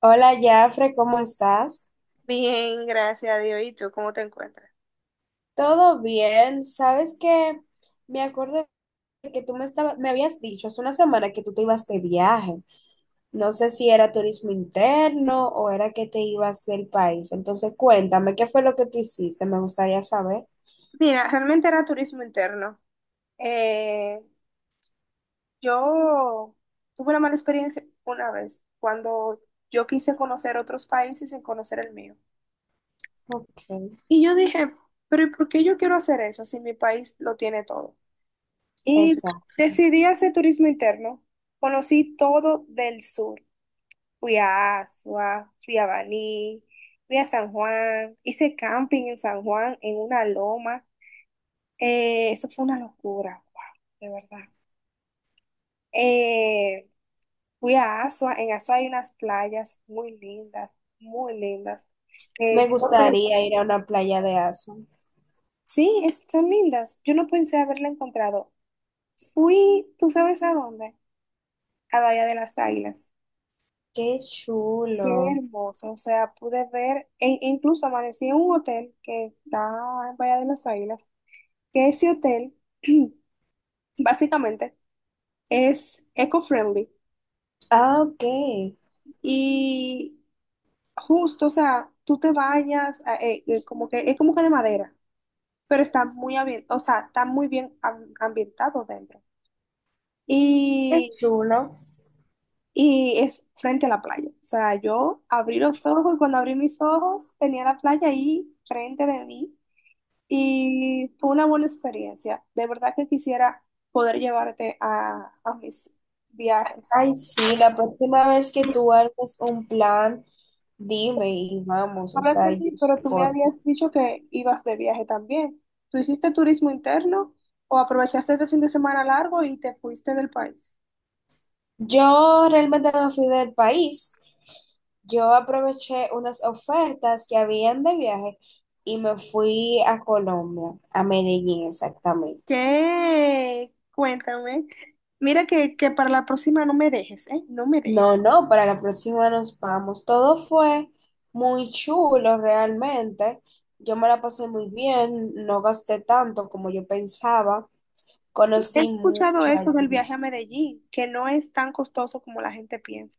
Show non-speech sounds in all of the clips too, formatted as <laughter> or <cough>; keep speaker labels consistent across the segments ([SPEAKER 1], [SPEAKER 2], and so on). [SPEAKER 1] Hola, Jafre, ¿cómo estás?
[SPEAKER 2] Bien, gracias a Dios. ¿Y tú cómo te encuentras?
[SPEAKER 1] ¿Todo bien? ¿Sabes que me acordé de que me habías dicho hace una semana que tú te ibas de viaje? No sé si era turismo interno o era que te ibas del país. Entonces, cuéntame, ¿qué fue lo que tú hiciste? Me gustaría saber.
[SPEAKER 2] Mira, realmente era turismo interno. Eh, yo tuve una mala experiencia una vez cuando yo quise conocer otros países sin conocer el mío.
[SPEAKER 1] Ok,
[SPEAKER 2] Y yo dije, pero ¿y por qué yo quiero hacer eso si mi país lo tiene todo? Y
[SPEAKER 1] esa.
[SPEAKER 2] decidí hacer turismo interno. Conocí todo del sur. Fui a Asua, fui a Baní, fui a San Juan, hice camping en San Juan, en una loma. Eso fue una locura, wow, de verdad. Eh, Fui a Asua, en Asua hay unas playas muy lindas, muy lindas que
[SPEAKER 1] Me
[SPEAKER 2] yo no pe-
[SPEAKER 1] gustaría ir a una playa de Azul.
[SPEAKER 2] sí, son lindas. Yo no pensé haberla encontrado. Fui, ¿tú sabes a dónde? A Bahía de las Águilas.
[SPEAKER 1] Qué
[SPEAKER 2] Qué
[SPEAKER 1] chulo.
[SPEAKER 2] hermoso, o sea, pude ver, e incluso amanecí en un hotel que está en Bahía de las Águilas, que ese hotel <clears throat> básicamente es eco-friendly.
[SPEAKER 1] Ah, ok. Qué
[SPEAKER 2] Y justo, o sea, tú te bañas, como que es como que de madera, pero está o sea, está muy bien ambientado dentro. Y,
[SPEAKER 1] chulo.
[SPEAKER 2] y es frente a la playa. O sea, yo abrí los ojos y cuando abrí mis ojos tenía la playa ahí frente de mí y fue una buena experiencia. De verdad que quisiera poder llevarte a mis viajes.
[SPEAKER 1] Ay, sí, la próxima vez que tú armes un plan, dime y vamos, o
[SPEAKER 2] Hablas de
[SPEAKER 1] sea, yo
[SPEAKER 2] mí, pero tú me
[SPEAKER 1] soporto.
[SPEAKER 2] habías dicho que ibas de viaje también. ¿Tú hiciste turismo interno o aprovechaste este fin de semana largo y te fuiste del país?
[SPEAKER 1] Yo realmente me fui del país. Yo aproveché unas ofertas que habían de viaje y me fui a Colombia, a Medellín exactamente.
[SPEAKER 2] ¿Qué? Cuéntame. Mira que para la próxima no me dejes, ¿eh? No me dejes.
[SPEAKER 1] No, no, para la próxima nos vamos. Todo fue muy chulo realmente. Yo me la pasé muy bien, no gasté tanto como yo pensaba.
[SPEAKER 2] He
[SPEAKER 1] Conocí
[SPEAKER 2] escuchado
[SPEAKER 1] mucho
[SPEAKER 2] esto del
[SPEAKER 1] allí.
[SPEAKER 2] viaje a Medellín, que no es tan costoso como la gente piensa.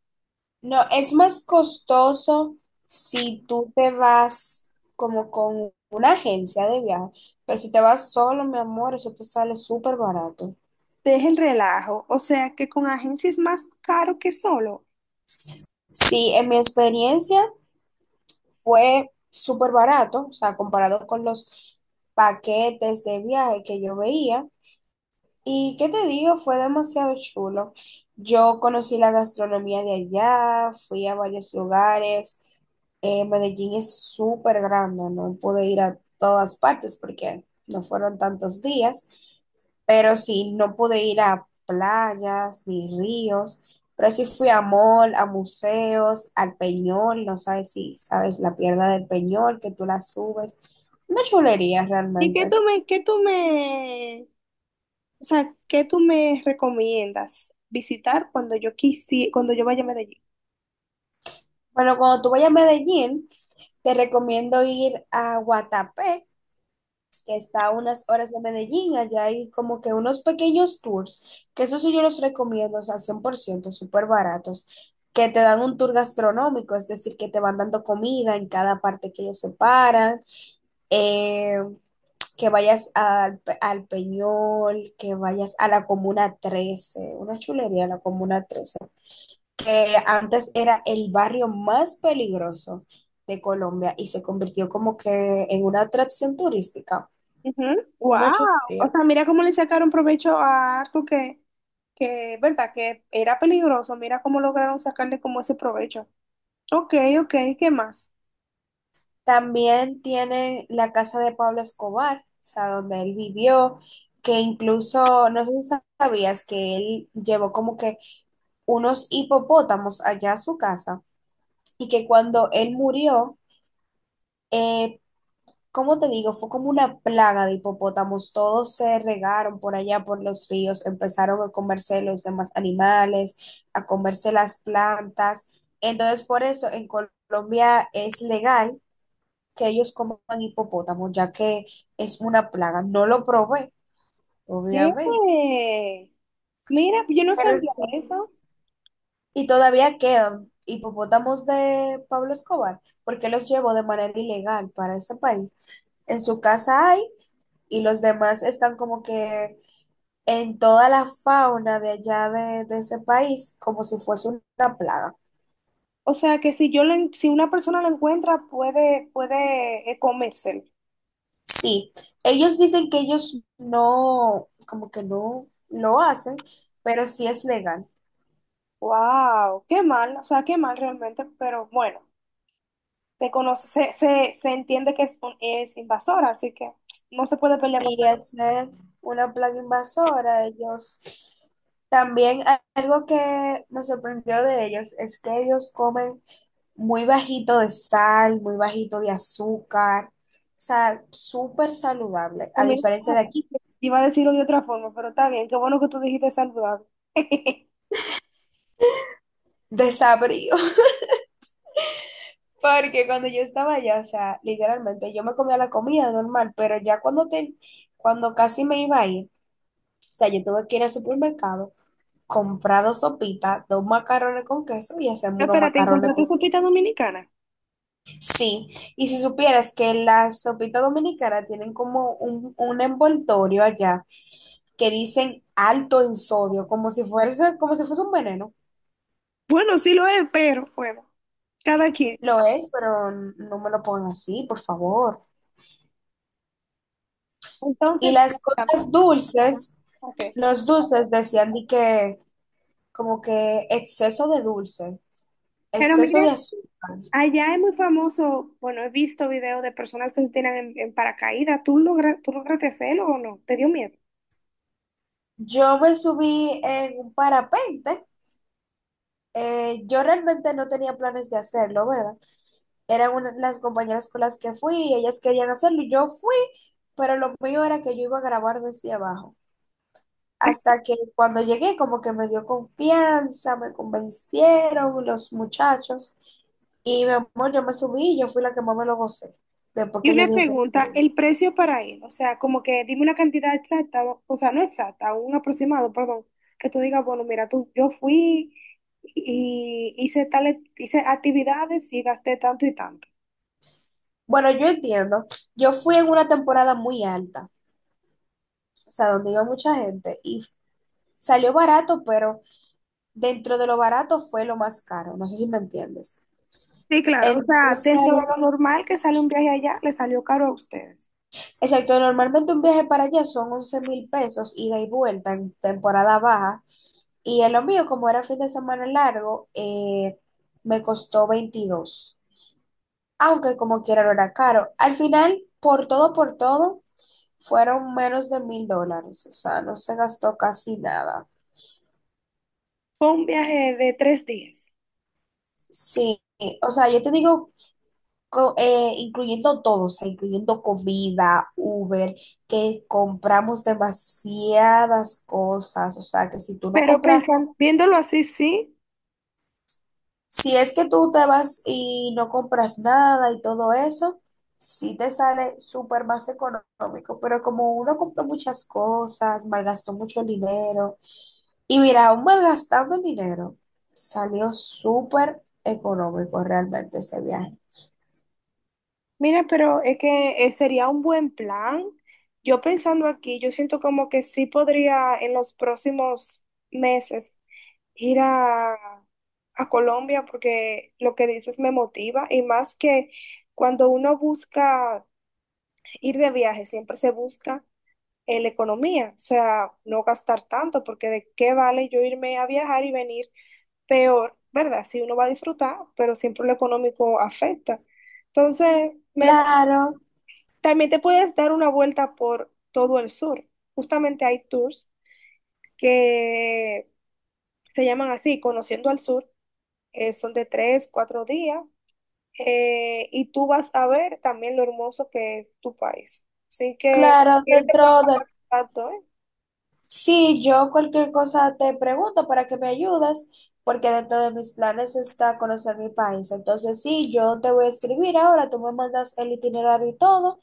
[SPEAKER 1] No, es más costoso si tú te vas como con una agencia de viaje, pero si te vas solo, mi amor, eso te sale súper barato.
[SPEAKER 2] Deja el relajo, o sea que con agencia es más caro que solo.
[SPEAKER 1] Sí, en mi experiencia fue súper barato, o sea, comparado con los paquetes de viaje que yo veía. Y qué te digo, fue demasiado chulo. Yo conocí la gastronomía de allá, fui a varios lugares. Medellín es súper grande, no pude ir a todas partes porque no fueron tantos días, pero sí, no pude ir a playas ni ríos, pero sí fui a mall, a museos, al Peñol. No sabes si sabes la pierna del Peñol, que tú la subes, una chulería
[SPEAKER 2] ¿Y qué tú
[SPEAKER 1] realmente.
[SPEAKER 2] me, qué tú me, O sea, ¿qué tú me recomiendas visitar cuando yo vaya a Medellín?
[SPEAKER 1] Bueno, cuando tú vayas a Medellín, te recomiendo ir a Guatapé, que está a unas horas de Medellín. Allá hay como que unos pequeños tours, que eso sí yo los recomiendo, o sea, 100% súper baratos, que te dan un tour gastronómico, es decir, que te van dando comida en cada parte que ellos separan. eh, que vayas al, al Peñol, que vayas a la Comuna 13, una chulería la Comuna 13, que antes era el barrio más peligroso de Colombia y se convirtió como que en una atracción turística, una
[SPEAKER 2] Wow. O
[SPEAKER 1] chulería.
[SPEAKER 2] sea, mira cómo le sacaron provecho a algo que, verdad, que era peligroso. Mira cómo lograron sacarle como ese provecho. Ok, ok, ¿qué más?
[SPEAKER 1] También tienen la casa de Pablo Escobar, o sea, donde él vivió, que incluso, no sé si sabías que él llevó como que unos hipopótamos allá a su casa. Y que cuando él murió, eh, ¿cómo te digo? Fue como una plaga de hipopótamos, todos se regaron por allá por los ríos, empezaron a comerse los demás animales, a comerse las plantas. Entonces, por eso en Colombia es legal que ellos coman hipopótamos, ya que es una plaga. No lo probé, obviamente.
[SPEAKER 2] Eh, Mira, yo no
[SPEAKER 1] Pero
[SPEAKER 2] sabía
[SPEAKER 1] sí.
[SPEAKER 2] eso.
[SPEAKER 1] Y todavía quedan hipopótamos de Pablo Escobar, porque los llevó de manera ilegal para ese país. En su casa hay, y los demás están como que en toda la fauna de allá de ese país, como si fuese una plaga.
[SPEAKER 2] O sea, que si una persona lo encuentra, puede comérselo.
[SPEAKER 1] Sí, ellos dicen que ellos no, como que no lo hacen, pero sí es legal.
[SPEAKER 2] Wow, qué mal, o sea, qué mal realmente, pero bueno. Se conoce, se entiende que es, es invasora, así que no se puede pelear con
[SPEAKER 1] Y al ser una plaga invasora, ellos también, algo que nos sorprendió de ellos es que ellos comen muy bajito de sal, muy bajito de azúcar, o sea, súper saludable, a
[SPEAKER 2] comida.
[SPEAKER 1] diferencia de aquí,
[SPEAKER 2] Iba a decirlo de otra forma, pero está bien, qué bueno que tú dijiste saludable. <laughs>
[SPEAKER 1] desabrido. <laughs> Porque cuando yo estaba allá, o sea, literalmente yo me comía la comida normal, pero ya cuando casi me iba a ir, o sea, yo tuve que ir al supermercado comprado sopita, dos macarrones con queso y hacemos unos
[SPEAKER 2] Espérate,
[SPEAKER 1] macarrones
[SPEAKER 2] ¿encontraste
[SPEAKER 1] con
[SPEAKER 2] sopita
[SPEAKER 1] queso.
[SPEAKER 2] dominicana?
[SPEAKER 1] Sí, y si supieras que las sopitas dominicanas tienen como un envoltorio allá que dicen alto en sodio, como si fuese un veneno.
[SPEAKER 2] Bueno, sí lo es, pero bueno, cada quien.
[SPEAKER 1] Lo es, pero no me lo pongan así, por favor. Y
[SPEAKER 2] Entonces,
[SPEAKER 1] las cosas dulces,
[SPEAKER 2] ok.
[SPEAKER 1] los dulces decían de que como que exceso de dulce,
[SPEAKER 2] Pero
[SPEAKER 1] exceso
[SPEAKER 2] mira,
[SPEAKER 1] de azúcar.
[SPEAKER 2] allá es muy famoso, bueno, he visto videos de personas que se tiran en paracaídas. ¿Tú lograste hacerlo o no? ¿Te dio miedo?
[SPEAKER 1] Yo me subí en un parapente. Yo realmente no tenía planes de hacerlo, ¿verdad? Las compañeras con las que fui y ellas querían hacerlo. Y yo fui, pero lo mío era que yo iba a grabar desde abajo. Hasta que cuando llegué, como que me dio confianza, me convencieron los muchachos. Y mi amor, yo me subí y yo fui la que más me lo gocé. Después
[SPEAKER 2] Y
[SPEAKER 1] que yo
[SPEAKER 2] una
[SPEAKER 1] dije que no
[SPEAKER 2] pregunta,
[SPEAKER 1] quería.
[SPEAKER 2] el precio para él, o sea, como que dime una cantidad exacta, o sea, no exacta, un aproximado, perdón, que tú digas, bueno, mira, tú, yo fui y hice tales, hice actividades y gasté tanto y tanto.
[SPEAKER 1] Bueno, yo entiendo. Yo fui en una temporada muy alta, o sea, donde iba mucha gente y salió barato, pero dentro de lo barato fue lo más caro, no sé si me entiendes.
[SPEAKER 2] Sí, claro, o sea, dentro de
[SPEAKER 1] Entonces,
[SPEAKER 2] lo normal que sale un viaje allá, le salió caro a ustedes.
[SPEAKER 1] exacto, normalmente un viaje para allá son 11.000 pesos ida y vuelta en temporada baja, y en lo mío, como era fin de semana largo, me costó 22, aunque como quiera no era caro. Al final, por todo, fueron menos de $1.000, o sea, no se gastó casi nada.
[SPEAKER 2] Fue un viaje de 3 días.
[SPEAKER 1] Sí, o sea, yo te digo incluyendo todo, o sea, incluyendo comida, Uber, que compramos demasiadas cosas, o sea, que si tú no
[SPEAKER 2] Pero
[SPEAKER 1] compras,
[SPEAKER 2] pensando, viéndolo así, sí.
[SPEAKER 1] si es que tú te vas y no compras nada y todo eso, sí te sale súper más económico, pero como uno compró muchas cosas, malgastó mucho dinero. Y mira, aún malgastando el dinero, salió súper económico realmente ese viaje.
[SPEAKER 2] Mira, pero es que sería un buen plan. Yo pensando aquí, yo siento como que sí podría en los próximos meses ir a Colombia porque lo que dices me motiva y más que cuando uno busca ir de viaje, siempre se busca la economía, o sea, no gastar tanto porque de qué vale yo irme a viajar y venir peor, ¿verdad? Si uno va a disfrutar, pero siempre lo económico afecta. Entonces, me
[SPEAKER 1] Claro,
[SPEAKER 2] también te puedes dar una vuelta por todo el sur. Justamente hay tours que se llaman así, Conociendo al Sur. Son de 3, 4 días. Y tú vas a ver también lo hermoso que es tu país. Así que,
[SPEAKER 1] claro,
[SPEAKER 2] ¿quieres que
[SPEAKER 1] dentro
[SPEAKER 2] pueda
[SPEAKER 1] de,
[SPEAKER 2] pasar contacto, eh?
[SPEAKER 1] sí, yo cualquier cosa te pregunto para que me ayudes, porque dentro de mis planes está conocer mi país. Entonces, sí, yo te voy a escribir ahora, tú me mandas el itinerario y todo,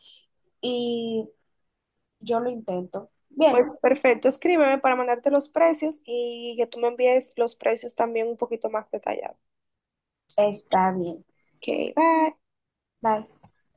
[SPEAKER 1] y yo lo intento.
[SPEAKER 2] Pues
[SPEAKER 1] Bien,
[SPEAKER 2] perfecto, escríbeme para mandarte los precios y que tú me envíes los precios también un poquito más detallados.
[SPEAKER 1] está bien.
[SPEAKER 2] Ok, bye.
[SPEAKER 1] Bye.